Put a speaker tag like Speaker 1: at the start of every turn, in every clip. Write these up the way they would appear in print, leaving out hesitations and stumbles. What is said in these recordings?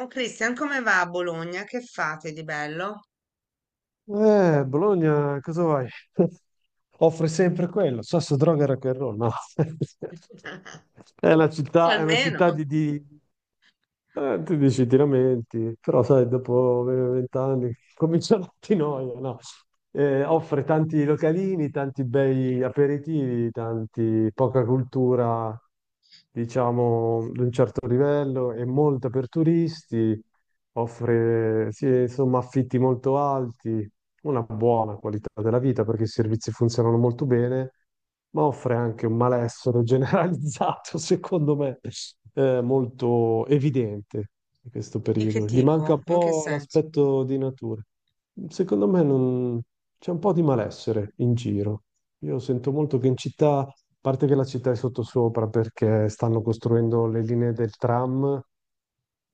Speaker 1: Oh Cristian, come va a Bologna? Che fate di bello?
Speaker 2: Bologna, cosa vuoi? Offre sempre quello, sasso, droga, e rock and roll, no? È una
Speaker 1: Almeno.
Speaker 2: città tu dici ti lamenti, però sai, dopo 20 anni comincia la ti noia, no? Offre tanti localini, tanti bei aperitivi, tanti, poca cultura, diciamo, di un certo livello e molta per turisti, offre, sì, insomma, affitti molto alti, una buona qualità della vita perché i servizi funzionano molto bene, ma offre anche un malessere generalizzato, secondo me, molto evidente in questo
Speaker 1: Di che
Speaker 2: periodo. Gli manca
Speaker 1: tipo?
Speaker 2: un
Speaker 1: In che
Speaker 2: po'
Speaker 1: senso?
Speaker 2: l'aspetto di natura. Secondo me non- C'è un po' di malessere in giro. Io sento molto che in città, a parte che la città è sottosopra perché stanno costruendo le linee del tram,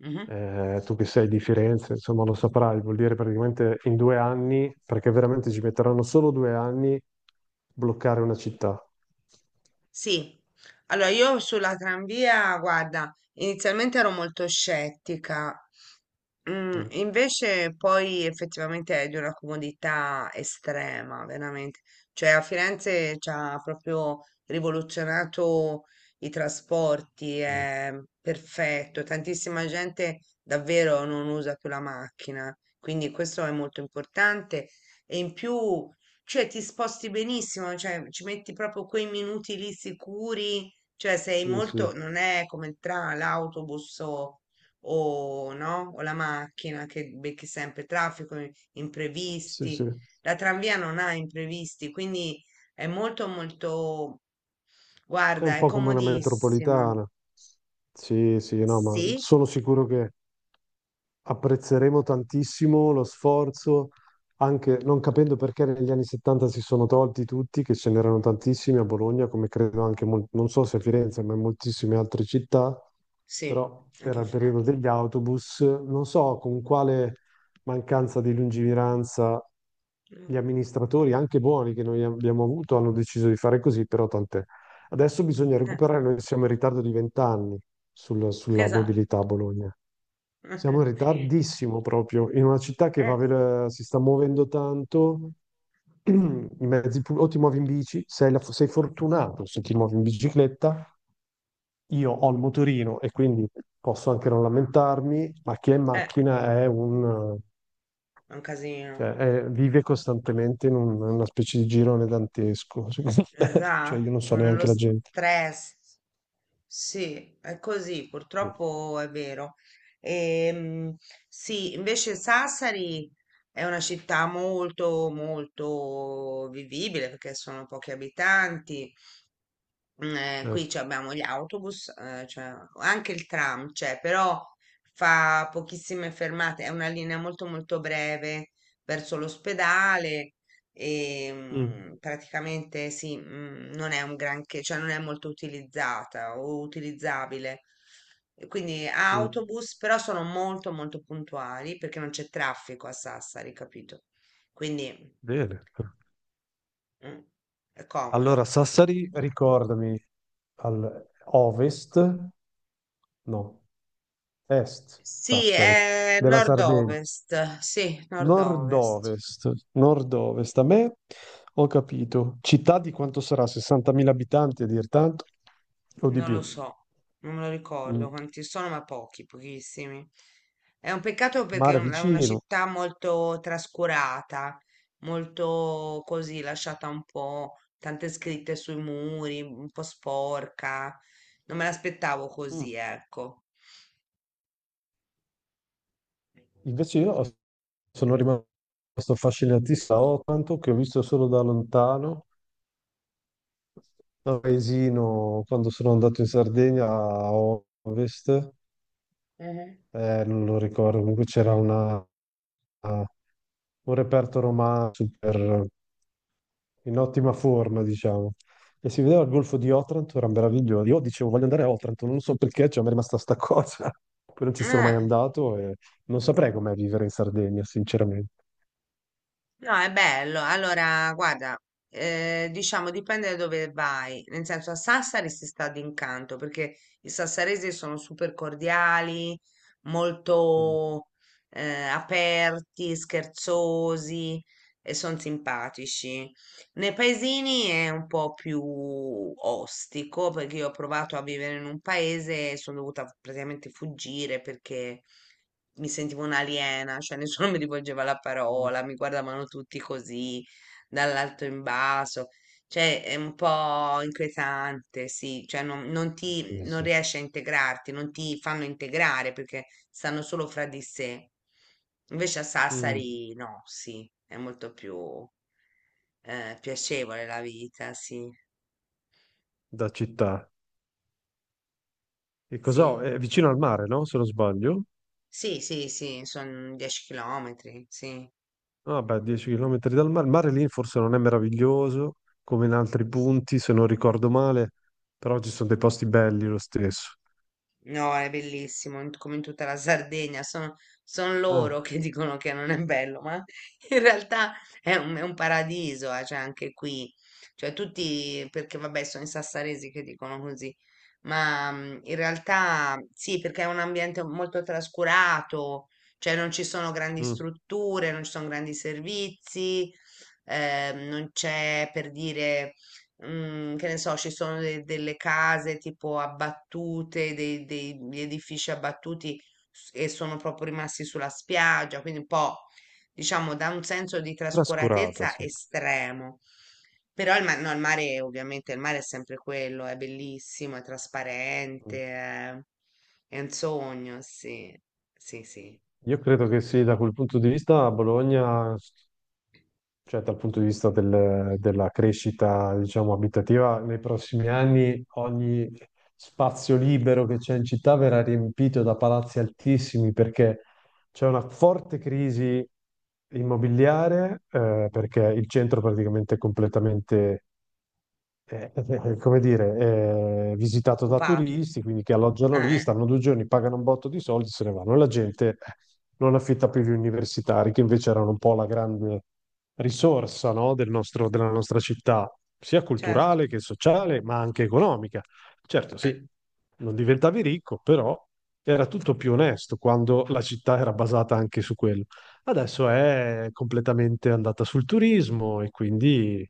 Speaker 1: Mhm.
Speaker 2: tu che sei di Firenze, insomma lo saprai, vuol dire praticamente in 2 anni, perché veramente ci metteranno solo 2 anni bloccare una città.
Speaker 1: Sì. Allora, io sulla tranvia, guarda, inizialmente ero molto scettica.
Speaker 2: Mm,
Speaker 1: Invece poi effettivamente è di una comodità estrema, veramente. Cioè a Firenze ci ha proprio rivoluzionato i trasporti,
Speaker 2: vero.
Speaker 1: è perfetto, tantissima gente davvero non usa più la macchina, quindi questo è molto importante e in più, cioè ti sposti benissimo, cioè ci metti proprio quei minuti lì sicuri, cioè sei
Speaker 2: Sì,
Speaker 1: molto,
Speaker 2: sì,
Speaker 1: non è come il tram, l'autobus o no? O la macchina che becchi sempre traffico,
Speaker 2: sì, sì.
Speaker 1: imprevisti.
Speaker 2: È
Speaker 1: La tranvia non ha imprevisti, quindi è molto molto, guarda,
Speaker 2: un
Speaker 1: è
Speaker 2: po' come una
Speaker 1: comodissima.
Speaker 2: metropolitana. Sì, sì, no, ma
Speaker 1: Sì,
Speaker 2: sono sicuro che apprezzeremo tantissimo lo sforzo, anche non capendo perché negli anni 70 si sono tolti tutti, che ce n'erano tantissimi a Bologna, come credo anche, non so se a Firenze, ma in moltissime altre città.
Speaker 1: sì,
Speaker 2: Però era
Speaker 1: anche
Speaker 2: il periodo
Speaker 1: Firenze.
Speaker 2: degli autobus, non so con quale mancanza di lungimiranza
Speaker 1: Mm,
Speaker 2: gli amministratori, anche buoni che noi abbiamo avuto, hanno deciso di fare così, però tant'è. Adesso bisogna
Speaker 1: eh,
Speaker 2: recuperare, noi siamo in ritardo di 20 anni sulla
Speaker 1: esatto.
Speaker 2: mobilità a Bologna. Siamo in ritardissimo proprio, in una città che
Speaker 1: Eh,
Speaker 2: si sta muovendo tanto, i mezzi pubblici, o ti muovi in bici, sei fortunato se ti muovi in bicicletta, io ho il motorino e quindi posso anche non lamentarmi, ma chi è in
Speaker 1: eh,
Speaker 2: macchina
Speaker 1: è un
Speaker 2: cioè,
Speaker 1: casino.
Speaker 2: vive costantemente in una specie di girone dantesco, secondo me. Cioè, io non so
Speaker 1: Esatto, nello
Speaker 2: neanche la gente.
Speaker 1: stress. Sì, è così,
Speaker 2: Sì,
Speaker 1: purtroppo è vero. Ehm, sì, invece Sassari è una città molto, molto vivibile perché sono pochi abitanti. Mm, qui ci
Speaker 2: certo.
Speaker 1: abbiamo gli autobus, cioè, anche il tram c'è, però fa pochissime fermate, è una linea molto molto breve verso l'ospedale e
Speaker 2: Mm,
Speaker 1: praticamente sì, non è un granché, cioè non è molto utilizzata o utilizzabile. E quindi
Speaker 2: mm.
Speaker 1: autobus, però sono molto molto puntuali perché non c'è traffico a Sassari, capito? Quindi
Speaker 2: Bene.
Speaker 1: mm, è
Speaker 2: Allora,
Speaker 1: comodo.
Speaker 2: Sassari, ricordami, al ovest, no, est
Speaker 1: Sì,
Speaker 2: Sassari,
Speaker 1: è
Speaker 2: della Sardegna.
Speaker 1: nord-ovest, sì, nord-ovest,
Speaker 2: Nord-ovest, nord-ovest. A me ho capito. Città di quanto sarà? 60.000 abitanti a dir tanto o di
Speaker 1: non lo
Speaker 2: più?
Speaker 1: so, non me lo ricordo
Speaker 2: Mm.
Speaker 1: quanti sono, ma pochi, pochissimi. È un peccato perché
Speaker 2: Mare
Speaker 1: è una
Speaker 2: vicino.
Speaker 1: città molto trascurata, molto così, lasciata un po', tante scritte sui muri, un po' sporca. Non me l'aspettavo
Speaker 2: Mm.
Speaker 1: così, ecco.
Speaker 2: Invece io ho- sono rimasto affascinatissimo da Otranto, che ho visto solo da lontano, da un paesino quando sono andato in Sardegna a ovest,
Speaker 1: Mhm.
Speaker 2: non lo ricordo, comunque c'era una, un reperto romanzo per in ottima forma, diciamo. E si vedeva il golfo di Otranto, era meraviglioso. Io dicevo, voglio andare a Otranto, non so perché, cioè, mi è rimasta sta cosa. Poi non ci sono mai
Speaker 1: Eh.
Speaker 2: andato e non saprei com'è vivere in Sardegna, sinceramente.
Speaker 1: No, è bello. Allora, guarda, diciamo dipende da dove vai. Nel senso, a Sassari si sta d'incanto perché i sassaresi sono super cordiali,
Speaker 2: Mm.
Speaker 1: molto aperti, scherzosi e sono simpatici. Nei paesini è un po' più ostico perché io ho provato a vivere in un paese e sono dovuta praticamente fuggire perché mi sentivo un'aliena, cioè nessuno mi rivolgeva la
Speaker 2: Mm.
Speaker 1: parola, mi guardavano tutti così dall'alto in basso. Cioè, è un po' inquietante, sì, cioè non,
Speaker 2: Sì, sì,
Speaker 1: non
Speaker 2: sì.
Speaker 1: riesci a integrarti, non ti fanno integrare perché stanno solo fra di sé. Invece a
Speaker 2: Mm,
Speaker 1: Sassari no, sì, è molto più piacevole la vita, sì,
Speaker 2: da città. E cos'ho?
Speaker 1: sì,
Speaker 2: È vicino al mare, no? Se non sbaglio.
Speaker 1: sì, sì, sì, sono 10 chilometri, sì.
Speaker 2: Ah, beh, 10 km dal mare. Il mare lì forse non è meraviglioso come in altri punti, se non ricordo male, però ci sono dei posti belli lo stesso.
Speaker 1: No, è bellissimo, come in tutta la Sardegna, sono, son loro
Speaker 2: Ah,
Speaker 1: che dicono che non è bello, ma in realtà è un paradiso, cioè anche qui, cioè tutti, perché vabbè sono i sassaresi che dicono così, ma in realtà sì, perché è un ambiente molto trascurato, cioè non ci sono grandi
Speaker 2: mm.
Speaker 1: strutture, non ci sono grandi servizi, non c'è per dire che ne so, ci sono delle case tipo abbattute, degli edifici abbattuti e sono proprio rimasti sulla spiaggia, quindi un po', diciamo, da un senso di
Speaker 2: Trascurato,
Speaker 1: trascuratezza
Speaker 2: sì.
Speaker 1: estremo. Però il, ma- no, il mare, ovviamente, il mare è sempre quello, è bellissimo, è trasparente, è un sogno, sì, sì, sì,
Speaker 2: Io credo che sì, da quel punto di vista Bologna, cioè dal punto di vista della crescita, diciamo, abitativa, nei prossimi anni ogni spazio libero che c'è in città verrà riempito da palazzi altissimi perché c'è una forte crisi immobiliare, perché il centro praticamente è completamente eh, eh, come dire, visitato da
Speaker 1: occupato,
Speaker 2: turisti, quindi che alloggiano
Speaker 1: eh,
Speaker 2: lì,
Speaker 1: eh,
Speaker 2: stanno 2 giorni, pagano un botto di soldi, se ne vanno. La gente non affitta più gli universitari, che invece erano un po' la grande risorsa, no, della nostra città, sia
Speaker 1: certo,
Speaker 2: culturale che sociale, ma anche economica. Certo,
Speaker 1: eh,
Speaker 2: sì, non diventavi ricco, però era tutto più onesto quando la città era basata anche su quello. Adesso è completamente andata sul turismo e quindi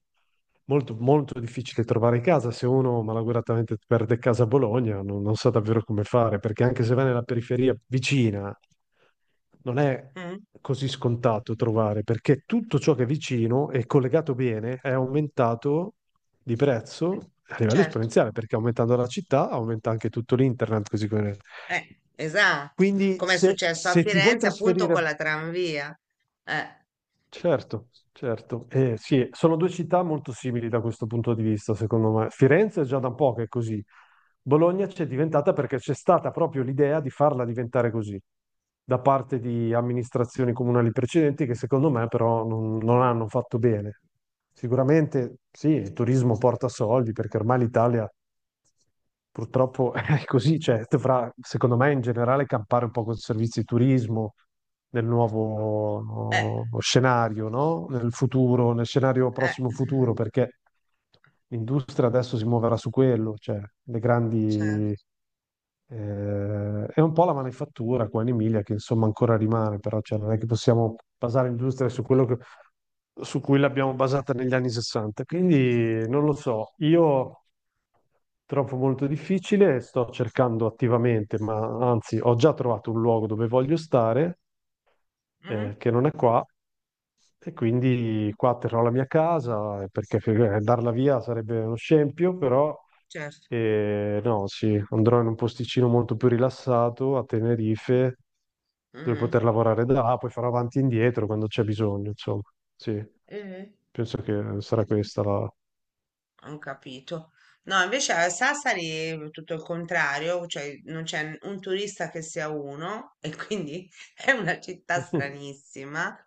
Speaker 2: molto, molto difficile trovare casa. Se uno malauguratamente perde casa a Bologna, non sa davvero come fare, perché anche se va nella periferia vicina, non è
Speaker 1: mm,
Speaker 2: così scontato trovare, perché tutto ciò che è vicino e collegato bene è aumentato di prezzo a livello
Speaker 1: certo.
Speaker 2: esponenziale, perché aumentando la città aumenta anche tutto l'internet, così come...
Speaker 1: Esatto,
Speaker 2: Quindi
Speaker 1: come è successo a
Speaker 2: se ti vuoi
Speaker 1: Firenze appunto
Speaker 2: trasferire
Speaker 1: con la tranvia. Eh,
Speaker 2: certo, certo. Sì, sono due città molto simili da questo punto di vista, secondo me. Firenze è già da un po' che è così. Bologna c'è diventata perché c'è stata proprio l'idea di farla diventare così, da parte di amministrazioni comunali precedenti che secondo me però non hanno fatto bene. Sicuramente sì, il turismo porta soldi perché ormai l'Italia purtroppo è così, cioè, dovrà, secondo me, in generale campare un po' con servizi di turismo nel
Speaker 1: eh,
Speaker 2: nuovo no, scenario, no? Nel futuro, nel scenario prossimo futuro,
Speaker 1: mm,
Speaker 2: perché l'industria adesso si muoverà su quello, cioè le grandi...
Speaker 1: certo,
Speaker 2: Eh, è un po' la manifattura qua in Emilia che insomma ancora rimane, però cioè, non è che possiamo basare l'industria su quello che su cui l'abbiamo basata negli anni 60. Quindi non lo so, io trovo molto difficile, sto cercando attivamente, ma anzi ho già trovato un luogo dove voglio stare,
Speaker 1: Mhm,
Speaker 2: che non è qua, e quindi qua terrò la mia casa, perché darla via sarebbe uno scempio, però
Speaker 1: certo.
Speaker 2: no, sì, andrò in un posticino molto più rilassato a Tenerife, dove
Speaker 1: Mhm.
Speaker 2: poter lavorare da là, poi farò avanti e indietro quando c'è bisogno, insomma. Sì,
Speaker 1: Mhm.
Speaker 2: penso che sarà questa la...
Speaker 1: Ho capito. No, invece a Sassari è tutto il contrario, cioè non c'è un turista che sia uno e quindi è una città
Speaker 2: Mhm.
Speaker 1: stranissima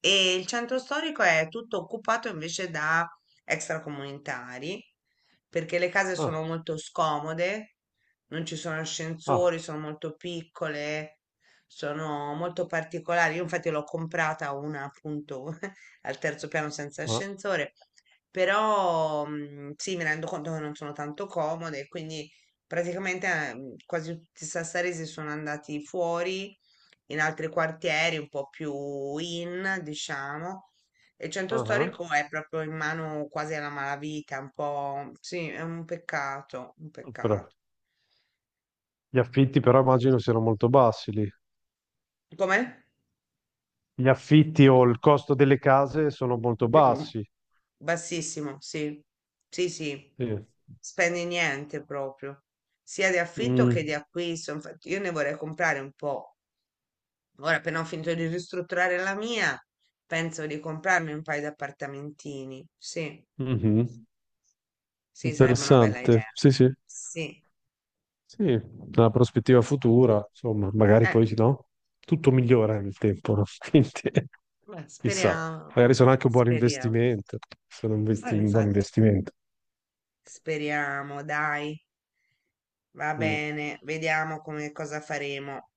Speaker 1: e il centro storico è tutto occupato invece da extracomunitari perché le case sono
Speaker 2: Ah,
Speaker 1: molto scomode, non ci sono
Speaker 2: ah,
Speaker 1: ascensori, sono molto piccole, sono molto particolari. Io infatti l'ho comprata una appunto al terzo piano senza
Speaker 2: ah,
Speaker 1: ascensore però sì, mi rendo conto che non sono tanto comode, quindi praticamente quasi tutti i sassaresi sono andati fuori in altri quartieri, un po' più in, diciamo. E il
Speaker 2: ah,
Speaker 1: centro
Speaker 2: ah.
Speaker 1: storico è proprio in mano quasi alla malavita, un po', sì, è un peccato, un
Speaker 2: Però,
Speaker 1: peccato.
Speaker 2: gli affitti però immagino siano molto bassi lì.
Speaker 1: Com'è?
Speaker 2: Gli affitti o il costo delle case sono molto
Speaker 1: Mm.
Speaker 2: bassi.
Speaker 1: Bassissimo, sì, sì, sì,
Speaker 2: Sì.
Speaker 1: spendi niente proprio, sia di affitto che
Speaker 2: Mm.
Speaker 1: di acquisto. Infatti, io ne vorrei comprare un po'. Ora, appena ho finito di ristrutturare la mia, penso di comprarmi un paio di appartamentini. Sì,
Speaker 2: Mhm.
Speaker 1: sì, sarebbe una bella
Speaker 2: Interessante,
Speaker 1: idea.
Speaker 2: sì, sì,
Speaker 1: Sì,
Speaker 2: sì, una prospettiva futura, insomma, magari
Speaker 1: eh,
Speaker 2: poi no, tutto migliora nel tempo, no? Quindi
Speaker 1: beh,
Speaker 2: chissà,
Speaker 1: speriamo,
Speaker 2: magari sono anche un buon
Speaker 1: speriamo.
Speaker 2: investimento, sono un
Speaker 1: Ah,
Speaker 2: un buon
Speaker 1: infatti,
Speaker 2: investimento.
Speaker 1: speriamo, dai, va
Speaker 2: Mm.
Speaker 1: bene, vediamo come cosa faremo.